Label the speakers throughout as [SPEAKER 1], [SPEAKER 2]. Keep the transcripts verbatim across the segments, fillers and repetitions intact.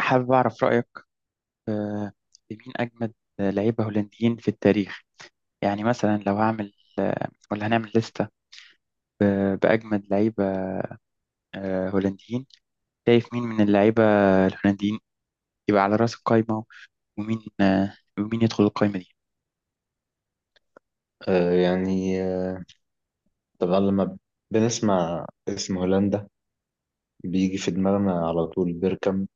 [SPEAKER 1] حابب أعرف رأيك، آه، في مين أجمد لعيبة هولنديين في التاريخ؟ يعني مثلا لو هعمل، آه، ولا هنعمل لستة ب- بأجمد لعيبة آه، هولنديين. شايف مين من اللعيبة الهولنديين يبقى على رأس القايمة؟ ومين آه، ومين يدخل القايمة دي؟
[SPEAKER 2] آه يعني آه طبعا لما بنسمع اسم هولندا بيجي في دماغنا على طول بيركامب،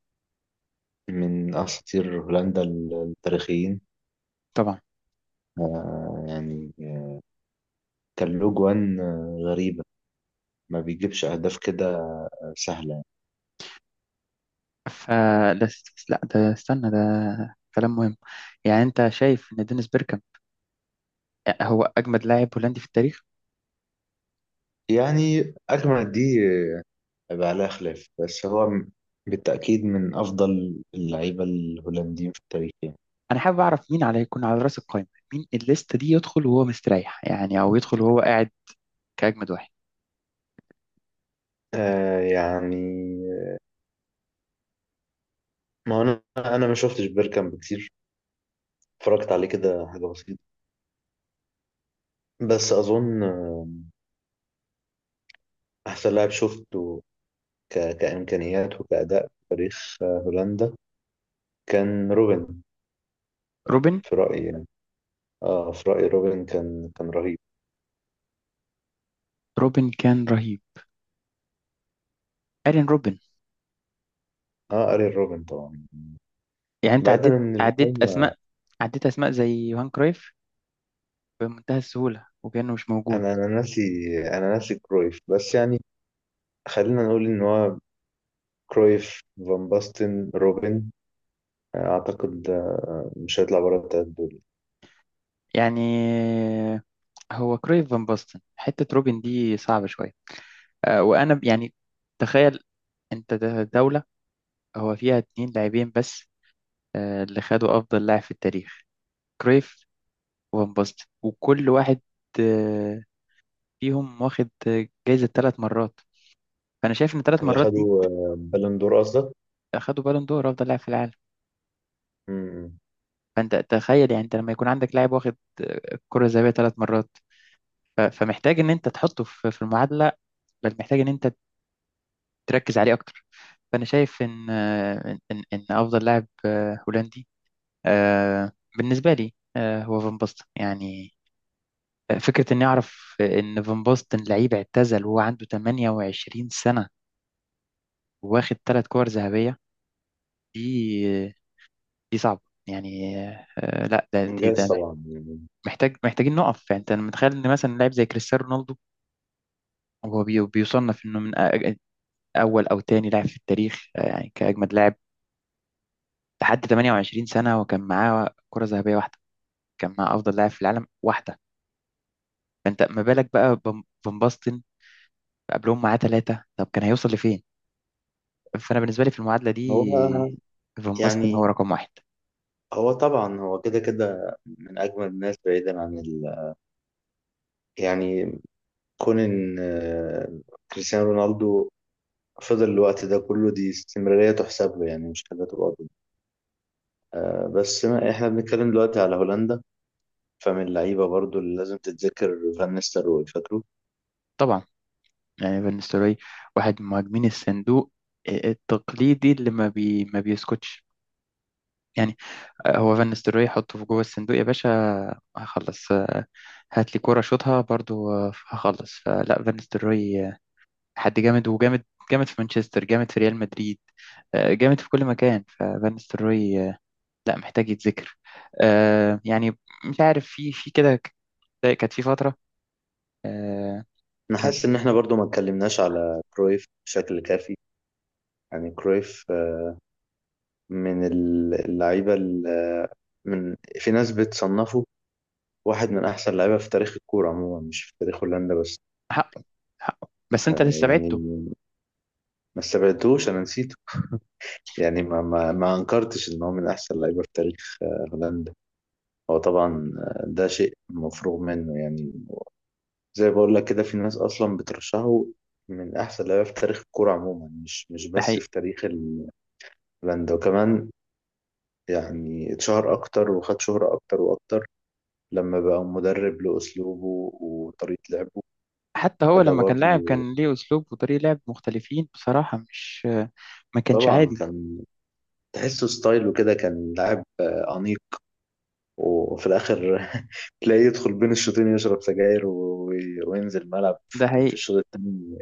[SPEAKER 2] من أساطير هولندا ال- التاريخيين.
[SPEAKER 1] طبعا.
[SPEAKER 2] آه يعني آه، كان له جوان آه، غريبة، ما بيجيبش أهداف كده سهلة.
[SPEAKER 1] فلس. لا، ده استنى، ده كلام مهم. يعني أنت شايف إن دينيس بيركام هو أجمد لاعب هولندي في التاريخ؟
[SPEAKER 2] يعني أجمل دي آه، بقى لها خلاف، بس هو م- بالتأكيد من أفضل اللعيبة الهولنديين في التاريخ يعني.
[SPEAKER 1] أنا حابب أعرف مين على يكون على رأس القايمة، مين الليستة دي يدخل وهو مستريح يعني، أو يدخل وهو قاعد كأجمد واحد.
[SPEAKER 2] آه يعني ما هو أنا أنا ما شفتش بيركامب كتير، اتفرجت عليه كده حاجة بسيطة. بس أظن آه، أحسن لاعب شفته ك... كإمكانيات وكأداء في تاريخ آه، هولندا كان روبن،
[SPEAKER 1] روبن.
[SPEAKER 2] في رأيي يعني. اه في رأيي روبن كان كان رهيب.
[SPEAKER 1] روبن كان رهيب. ايرين روبن.
[SPEAKER 2] اه أرين روبن طبعا.
[SPEAKER 1] يعني انت
[SPEAKER 2] بعيدا
[SPEAKER 1] عديت
[SPEAKER 2] عن
[SPEAKER 1] عديت
[SPEAKER 2] القايمة،
[SPEAKER 1] اسماء، عديت اسماء زي يوهان كرويف بمنتهى السهولة وكأنه مش موجود.
[SPEAKER 2] أنا أنا ناسي أنا ناسي كرويف، بس يعني خلينا نقول إن هو كرويف، فان باستن، روبن، آه، أعتقد آه، مش هيطلع بره التلات دول.
[SPEAKER 1] يعني هو كرويف فان باستن، حتة روبن دي صعبة شوية. آه، وانا ب- يعني تخيل، انت د- دولة هو فيها اتنين لاعبين بس، آه، اللي خدوا افضل لاعب في التاريخ، كرويف وفان باستن، وكل واحد آه، فيهم واخد آه، جايزة ثلاث مرات. فانا شايف ان ثلاث
[SPEAKER 2] اللي
[SPEAKER 1] مرات دي،
[SPEAKER 2] خدوا آه، بالون دور قصدك؟
[SPEAKER 1] اخدوا بالون دور افضل لاعب في العالم.
[SPEAKER 2] مم.
[SPEAKER 1] فانت تخيل، يعني انت لما يكون عندك لاعب واخد الكرة الذهبية ثلاث مرات، ف- فمحتاج ان انت تحطه في في المعادلة، بل محتاج ان انت تركز عليه اكتر. فانا شايف ان ان ان إن افضل لاعب آه، هولندي، آه، بالنسبة لي، آه، هو فان باستن يعني. آه، فكرة اني اعرف ان فان باستن لعيب اعتزل وهو عنده تمانية وعشرين سنة واخد ثلاث كور ذهبية، دي دي صعبة يعني. آه، لا ده دي-
[SPEAKER 2] إنجاز
[SPEAKER 1] ده
[SPEAKER 2] طبعا يعني.
[SPEAKER 1] محتاج، محتاجين نقف. يعني انت متخيل ان مثلا لاعب زي كريستيانو رونالدو هو بي- بيصنف انه من أ- اول او تاني لاعب في التاريخ، آه، يعني كاجمد لاعب لحد ثمانية وعشرين سنه، وكان معاه كره ذهبيه واحده، كان معاه افضل لاعب في العالم واحده. فانت ما بالك بقى بم- فان باستن قبلهم معاه ثلاثه، طب كان هيوصل لفين؟ فانا بالنسبه لي في المعادله دي
[SPEAKER 2] هو
[SPEAKER 1] فان باستن هو
[SPEAKER 2] يعني
[SPEAKER 1] رقم واحد.
[SPEAKER 2] هو طبعا، هو كده كده من أجمل الناس بعيدا عن ال... يعني، كون إن آه، كريستيانو رونالدو فضل الوقت ده كله، دي استمرارية تحسب له يعني، مش حاجة تبقى ضد. آه، بس ما إحنا بنتكلم دلوقتي على هولندا، فمن اللعيبة برضو اللي لازم تتذكر فان نيستلروي، فاكره؟
[SPEAKER 1] طبعا. يعني بالنسبه لي واحد من مهاجمين الصندوق آه، التقليدي اللي ما بي ما بيسكتش يعني. آه، هو فان نيستلروي، حطه في جوه الصندوق يا باشا هخلص، آه، هات لي كوره شوطها برضو آه، هخلص. فلا فان نيستلروي آه، حد جامد وجامد، جامد في مانشستر، جامد في ريال مدريد، آه، جامد في كل مكان. ففان نيستلروي آه، لا محتاج يتذكر. آه، يعني مش عارف في في كده، ك- كانت في فترة آه،
[SPEAKER 2] أنا
[SPEAKER 1] كان
[SPEAKER 2] حاسس إن إحنا برضو ما اتكلمناش على كرويف بشكل كافي. يعني كرويف آه، من اللعيبة ال- آه، من، في ناس بتصنفه واحد من أحسن اللعيبة في تاريخ الكورة عموما، مش في تاريخ هولندا بس.
[SPEAKER 1] حقه. حقه، بس انت اللي استبعدته.
[SPEAKER 2] يعني ما استبعدتهوش، انا نسيته. يعني ما ما ما انكرتش ان هو من احسن لعيبه في تاريخ آه، هولندا. هو طبعا آه، ده شيء مفروغ منه يعني. زي بقول لك كده، في ناس اصلا بترشحه من احسن لعيبه في تاريخ الكوره عموما، مش مش
[SPEAKER 1] ده
[SPEAKER 2] بس
[SPEAKER 1] حقيقي.
[SPEAKER 2] في تاريخ ال- هولندا وكمان. يعني اتشهر اكتر وخد شهره اكتر واكتر لما بقى مدرب لاسلوبه وطريقه لعبه.
[SPEAKER 1] حتى هو
[SPEAKER 2] فده
[SPEAKER 1] لما كان لاعب
[SPEAKER 2] برضه
[SPEAKER 1] كان ليه اسلوب وطريقة لعب مختلفين بصراحة، مش آه، ما كانش
[SPEAKER 2] طبعا
[SPEAKER 1] عادي.
[SPEAKER 2] كان، تحسه ستايله كده، كان لاعب آه، أنيق، وفي الاخر تلاقيه يدخل بين الشوطين يشرب سجاير و- وينزل الملعب
[SPEAKER 1] ده
[SPEAKER 2] في
[SPEAKER 1] حقيقي.
[SPEAKER 2] الشوط الثاني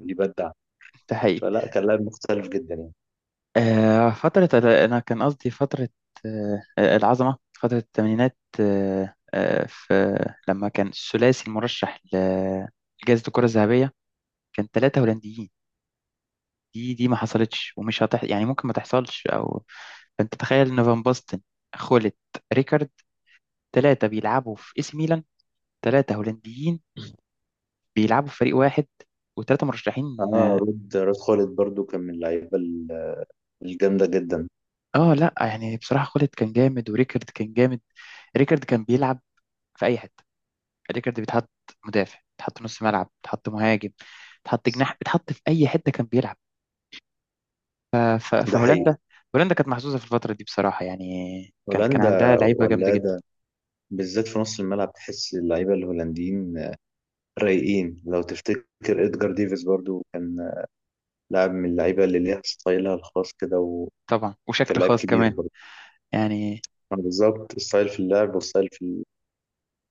[SPEAKER 2] يبدع.
[SPEAKER 1] ده حقيقي.
[SPEAKER 2] فلا، كان لاعب مختلف جدا يعني.
[SPEAKER 1] آه، فترة، أنا كان قصدي فترة آه، آه، العظمة، فترة الثمانينات، آه، آه، في لما كان الثلاثي المرشح ل- لجائزة الكرة الذهبية كان ثلاثة هولنديين. دي دي ما حصلتش، ومش هتح يعني، ممكن ما تحصلش. أو فأنت تخيل إن فان باستن، خولت، ريكارد، ثلاثة بيلعبوا في إي سي ميلان، ثلاثة هولنديين بيلعبوا في فريق واحد، وثلاثة مرشحين.
[SPEAKER 2] اه، رود رود خالد برضو كان من اللعيبه ال- الجامده جدا.
[SPEAKER 1] اه لا يعني بصراحة خولت كان جامد وريكارد كان جامد. ريكارد كان بيلعب في أي حتة. ريكارد بيتحط مدافع، بيتحط نص ملعب، بيتحط مهاجم، بيتحط جناح، بيتحط في اي حته كان بيلعب. ف- ف-
[SPEAKER 2] ده حقيقي.
[SPEAKER 1] فهولندا، هولندا كانت محظوظه في الفتره دي بصراحه يعني، كان كان عندها
[SPEAKER 2] هولندا
[SPEAKER 1] لعيبه جامده جدا.
[SPEAKER 2] ولاده، بالذات في نص الملعب تحس اللعيبه الهولنديين رايقين. لو تفتكر ادجار ديفيز برضو كان لاعب من اللعيبه اللي ليها ستايلها الخاص كده، وكان
[SPEAKER 1] طبعا، وشكل
[SPEAKER 2] لاعب
[SPEAKER 1] خاص
[SPEAKER 2] كبير
[SPEAKER 1] كمان
[SPEAKER 2] برضو.
[SPEAKER 1] يعني.
[SPEAKER 2] آه، بالظبط، ستايل في اللعب وستايل في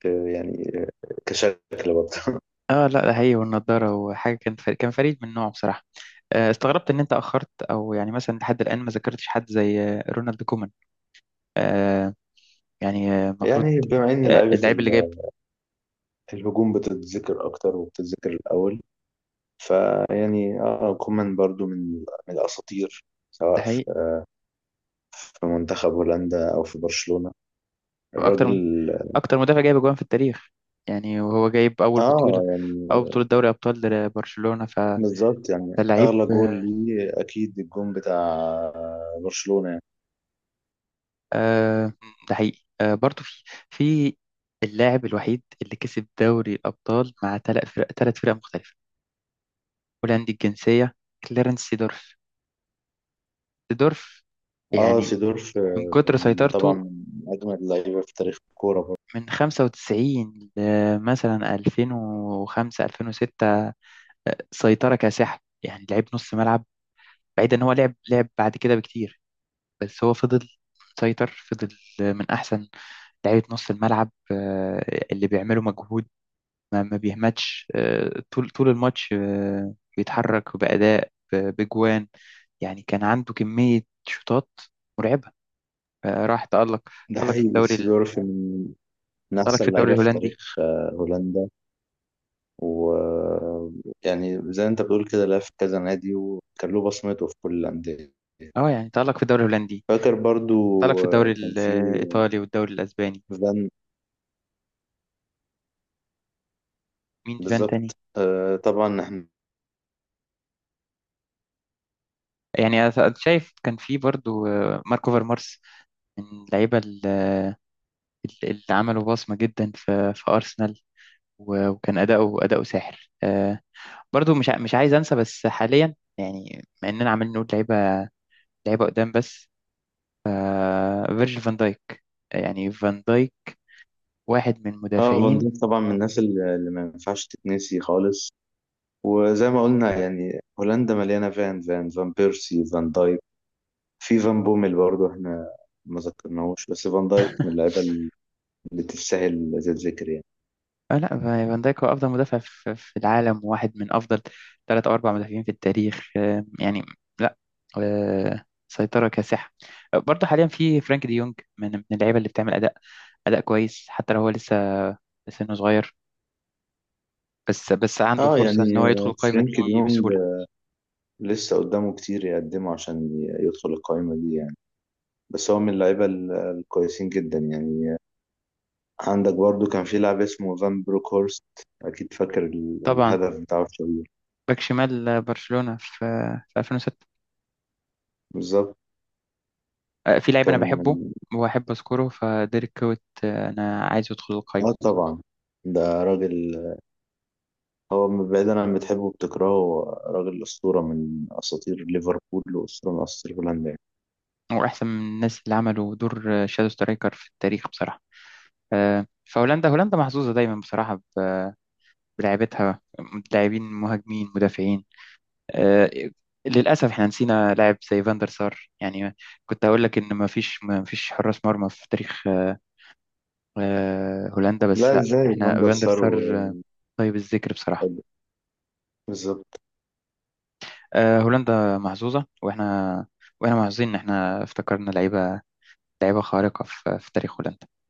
[SPEAKER 2] آه، يعني آه، كشكل برضه
[SPEAKER 1] اه لا ده هي والنضاره وحاجه، كان فريق، كان فريد من نوعه بصراحه. آه، استغربت ان انت اخرت، او يعني مثلا لحد الان ما ذكرتش حد زي آه، رونالد كومان. آه، يعني آه، المفروض
[SPEAKER 2] يعني بما ان
[SPEAKER 1] آه،
[SPEAKER 2] لعيبه
[SPEAKER 1] اللاعب اللي جايب.
[SPEAKER 2] ال- الهجوم بتتذكر اكتر وبتتذكر الاول، فيعني اه كومان برضو من من الاساطير
[SPEAKER 1] ده
[SPEAKER 2] سواء في
[SPEAKER 1] حقيقي.
[SPEAKER 2] في منتخب هولندا او في برشلونه
[SPEAKER 1] اكتر
[SPEAKER 2] الراجل.
[SPEAKER 1] اكتر مدافع جايب اجوان في التاريخ يعني، وهو جايب اول بطولة
[SPEAKER 2] اه
[SPEAKER 1] اول
[SPEAKER 2] يعني
[SPEAKER 1] بطولة دوري ابطال لبرشلونة، فده
[SPEAKER 2] بالظبط، يعني
[SPEAKER 1] لعيب.
[SPEAKER 2] اغلى جول ليه اكيد الجون بتاع برشلونه يعني.
[SPEAKER 1] آه، ده حقيقي. آه، برضه في في اللاعب الوحيد اللي كسب دوري الابطال مع ثلاث فرق ثلاث فرق مختلفة، هولندي الجنسية، كليرنس سيدورف. سيدورف
[SPEAKER 2] اه
[SPEAKER 1] يعني
[SPEAKER 2] سيدورف
[SPEAKER 1] من
[SPEAKER 2] آه،
[SPEAKER 1] كتر
[SPEAKER 2] من- طبعا
[SPEAKER 1] سيطرته
[SPEAKER 2] من اجمل اللعيبه في تاريخ الكوره برضه.
[SPEAKER 1] من خمسة وتسعين ل مثلا ألفين وخمسة، ألفين وستة، سيطرة كاسحة. يعني لعيب نص ملعب، بعيد ان هو لعب لعب بعد كده بكتير، بس هو فضل مسيطر. فضل من أحسن لعيبة نص الملعب، آه، اللي بيعملوا مجهود، ما ما بيهمتش آه، طول طول الماتش، آه، بيتحرك بأداء، ب- بجوان يعني. كان عنده كمية شوطات مرعبة. آه، راح تألق
[SPEAKER 2] ده
[SPEAKER 1] تألق في
[SPEAKER 2] حقيقي،
[SPEAKER 1] الدوري ال-
[SPEAKER 2] سيدورف من من
[SPEAKER 1] تألق
[SPEAKER 2] احسن
[SPEAKER 1] في الدوري
[SPEAKER 2] اللعيبه في
[SPEAKER 1] الهولندي.
[SPEAKER 2] تاريخ آه، هولندا. ويعني زي ما انت بتقول كده لعب في كذا نادي وكان له بصمته في كل الأندية.
[SPEAKER 1] اه يعني تألق في الدوري الهولندي،
[SPEAKER 2] فاكر برضو
[SPEAKER 1] تألق في
[SPEAKER 2] آه،
[SPEAKER 1] الدوري
[SPEAKER 2] كان في
[SPEAKER 1] الإيطالي والدوري الأسباني.
[SPEAKER 2] فان،
[SPEAKER 1] مين فان تاني؟
[SPEAKER 2] بالظبط آه، طبعا احنا.
[SPEAKER 1] يعني أنا شايف كان في برضو آه، ماركو فيرمارس، من اللعيبة اللي عملوا بصمة جدا في في أرسنال، و- وكان أداؤه أداؤه ساحر. آه، برضو مش ع- مش عايز أنسى بس حاليا يعني، مع إننا عمالين نقول لعيبة، لعيبة قدام بس، آه، فيرجيل فان دايك. يعني فان دايك واحد من
[SPEAKER 2] اه فان
[SPEAKER 1] مدافعين.
[SPEAKER 2] ديك طبعا من الناس اللي اللي ما ينفعش تتنسي خالص. وزي ما قلنا يعني هولندا مليانة فان فان، فان بيرسي، فان دايك، في فان بوميل برضو احنا ما ذكرناهوش، بس فان دايك من اللعيبة اللي تستاهل زي الذكر يعني.
[SPEAKER 1] آه لا، فان دايك هو أفضل مدافع في في العالم، وواحد من أفضل ثلاث أو أربع مدافعين في التاريخ آه، يعني. لا، آه، سيطرة كاسحة. آه، برضو حاليا في فرانك دي يونج، من من اللعيبة اللي بتعمل أداء أداء كويس. حتى لو هو لسه سنه صغير، بس بس عنده
[SPEAKER 2] اه
[SPEAKER 1] فرصة
[SPEAKER 2] يعني
[SPEAKER 1] إن هو يدخل القايمة
[SPEAKER 2] فرينك
[SPEAKER 1] دي
[SPEAKER 2] ديونج
[SPEAKER 1] بسهولة.
[SPEAKER 2] لسه قدامه كتير يقدمه عشان ي- يدخل القائمة دي يعني، بس هو من اللعيبة ال- الكويسين جدا يعني. عندك برضو كان في لاعب اسمه فان بروك هورست، أكيد فاكر ال-
[SPEAKER 1] طبعا،
[SPEAKER 2] الهدف بتاعه الشهير.
[SPEAKER 1] باك شمال برشلونة في في ألفين وستة.
[SPEAKER 2] بالظبط.
[SPEAKER 1] آه، في لعيب أنا
[SPEAKER 2] كان
[SPEAKER 1] بحبه وأحب أذكره، فديريك كوت، آه، أنا عايزه يدخل
[SPEAKER 2] آه
[SPEAKER 1] القايمة.
[SPEAKER 2] طبعا، ده راجل، هو بعيدا عن بتحبه وبتكرهه، هو راجل أسطورة من أساطير ليفربول وأسطورة من أساطير هولندا يعني.
[SPEAKER 1] هو أحسن من الناس اللي عملوا دور آه، شادو سترايكر في التاريخ بصراحة. آه، فهولندا، هولندا محظوظة دايما بصراحة ب- بلاعيبتها. لاعبين، مهاجمين، مدافعين. آه، للأسف احنا نسينا لاعب زي فاندر سار يعني. كنت هقول لك إن ما فيش ما فيش حراس مرمى في تاريخ آه، هولندا،
[SPEAKER 2] لا
[SPEAKER 1] بس لا،
[SPEAKER 2] إزاي
[SPEAKER 1] احنا
[SPEAKER 2] فاندر
[SPEAKER 1] فاندر
[SPEAKER 2] سار
[SPEAKER 1] سار آه،
[SPEAKER 2] و-
[SPEAKER 1] طيب الذكر بصراحة.
[SPEAKER 2] بالظبط
[SPEAKER 1] آه، هولندا محظوظة، واحنا واحنا محظوظين إن احنا افتكرنا لعيبة، لعيبة خارقة في في تاريخ هولندا.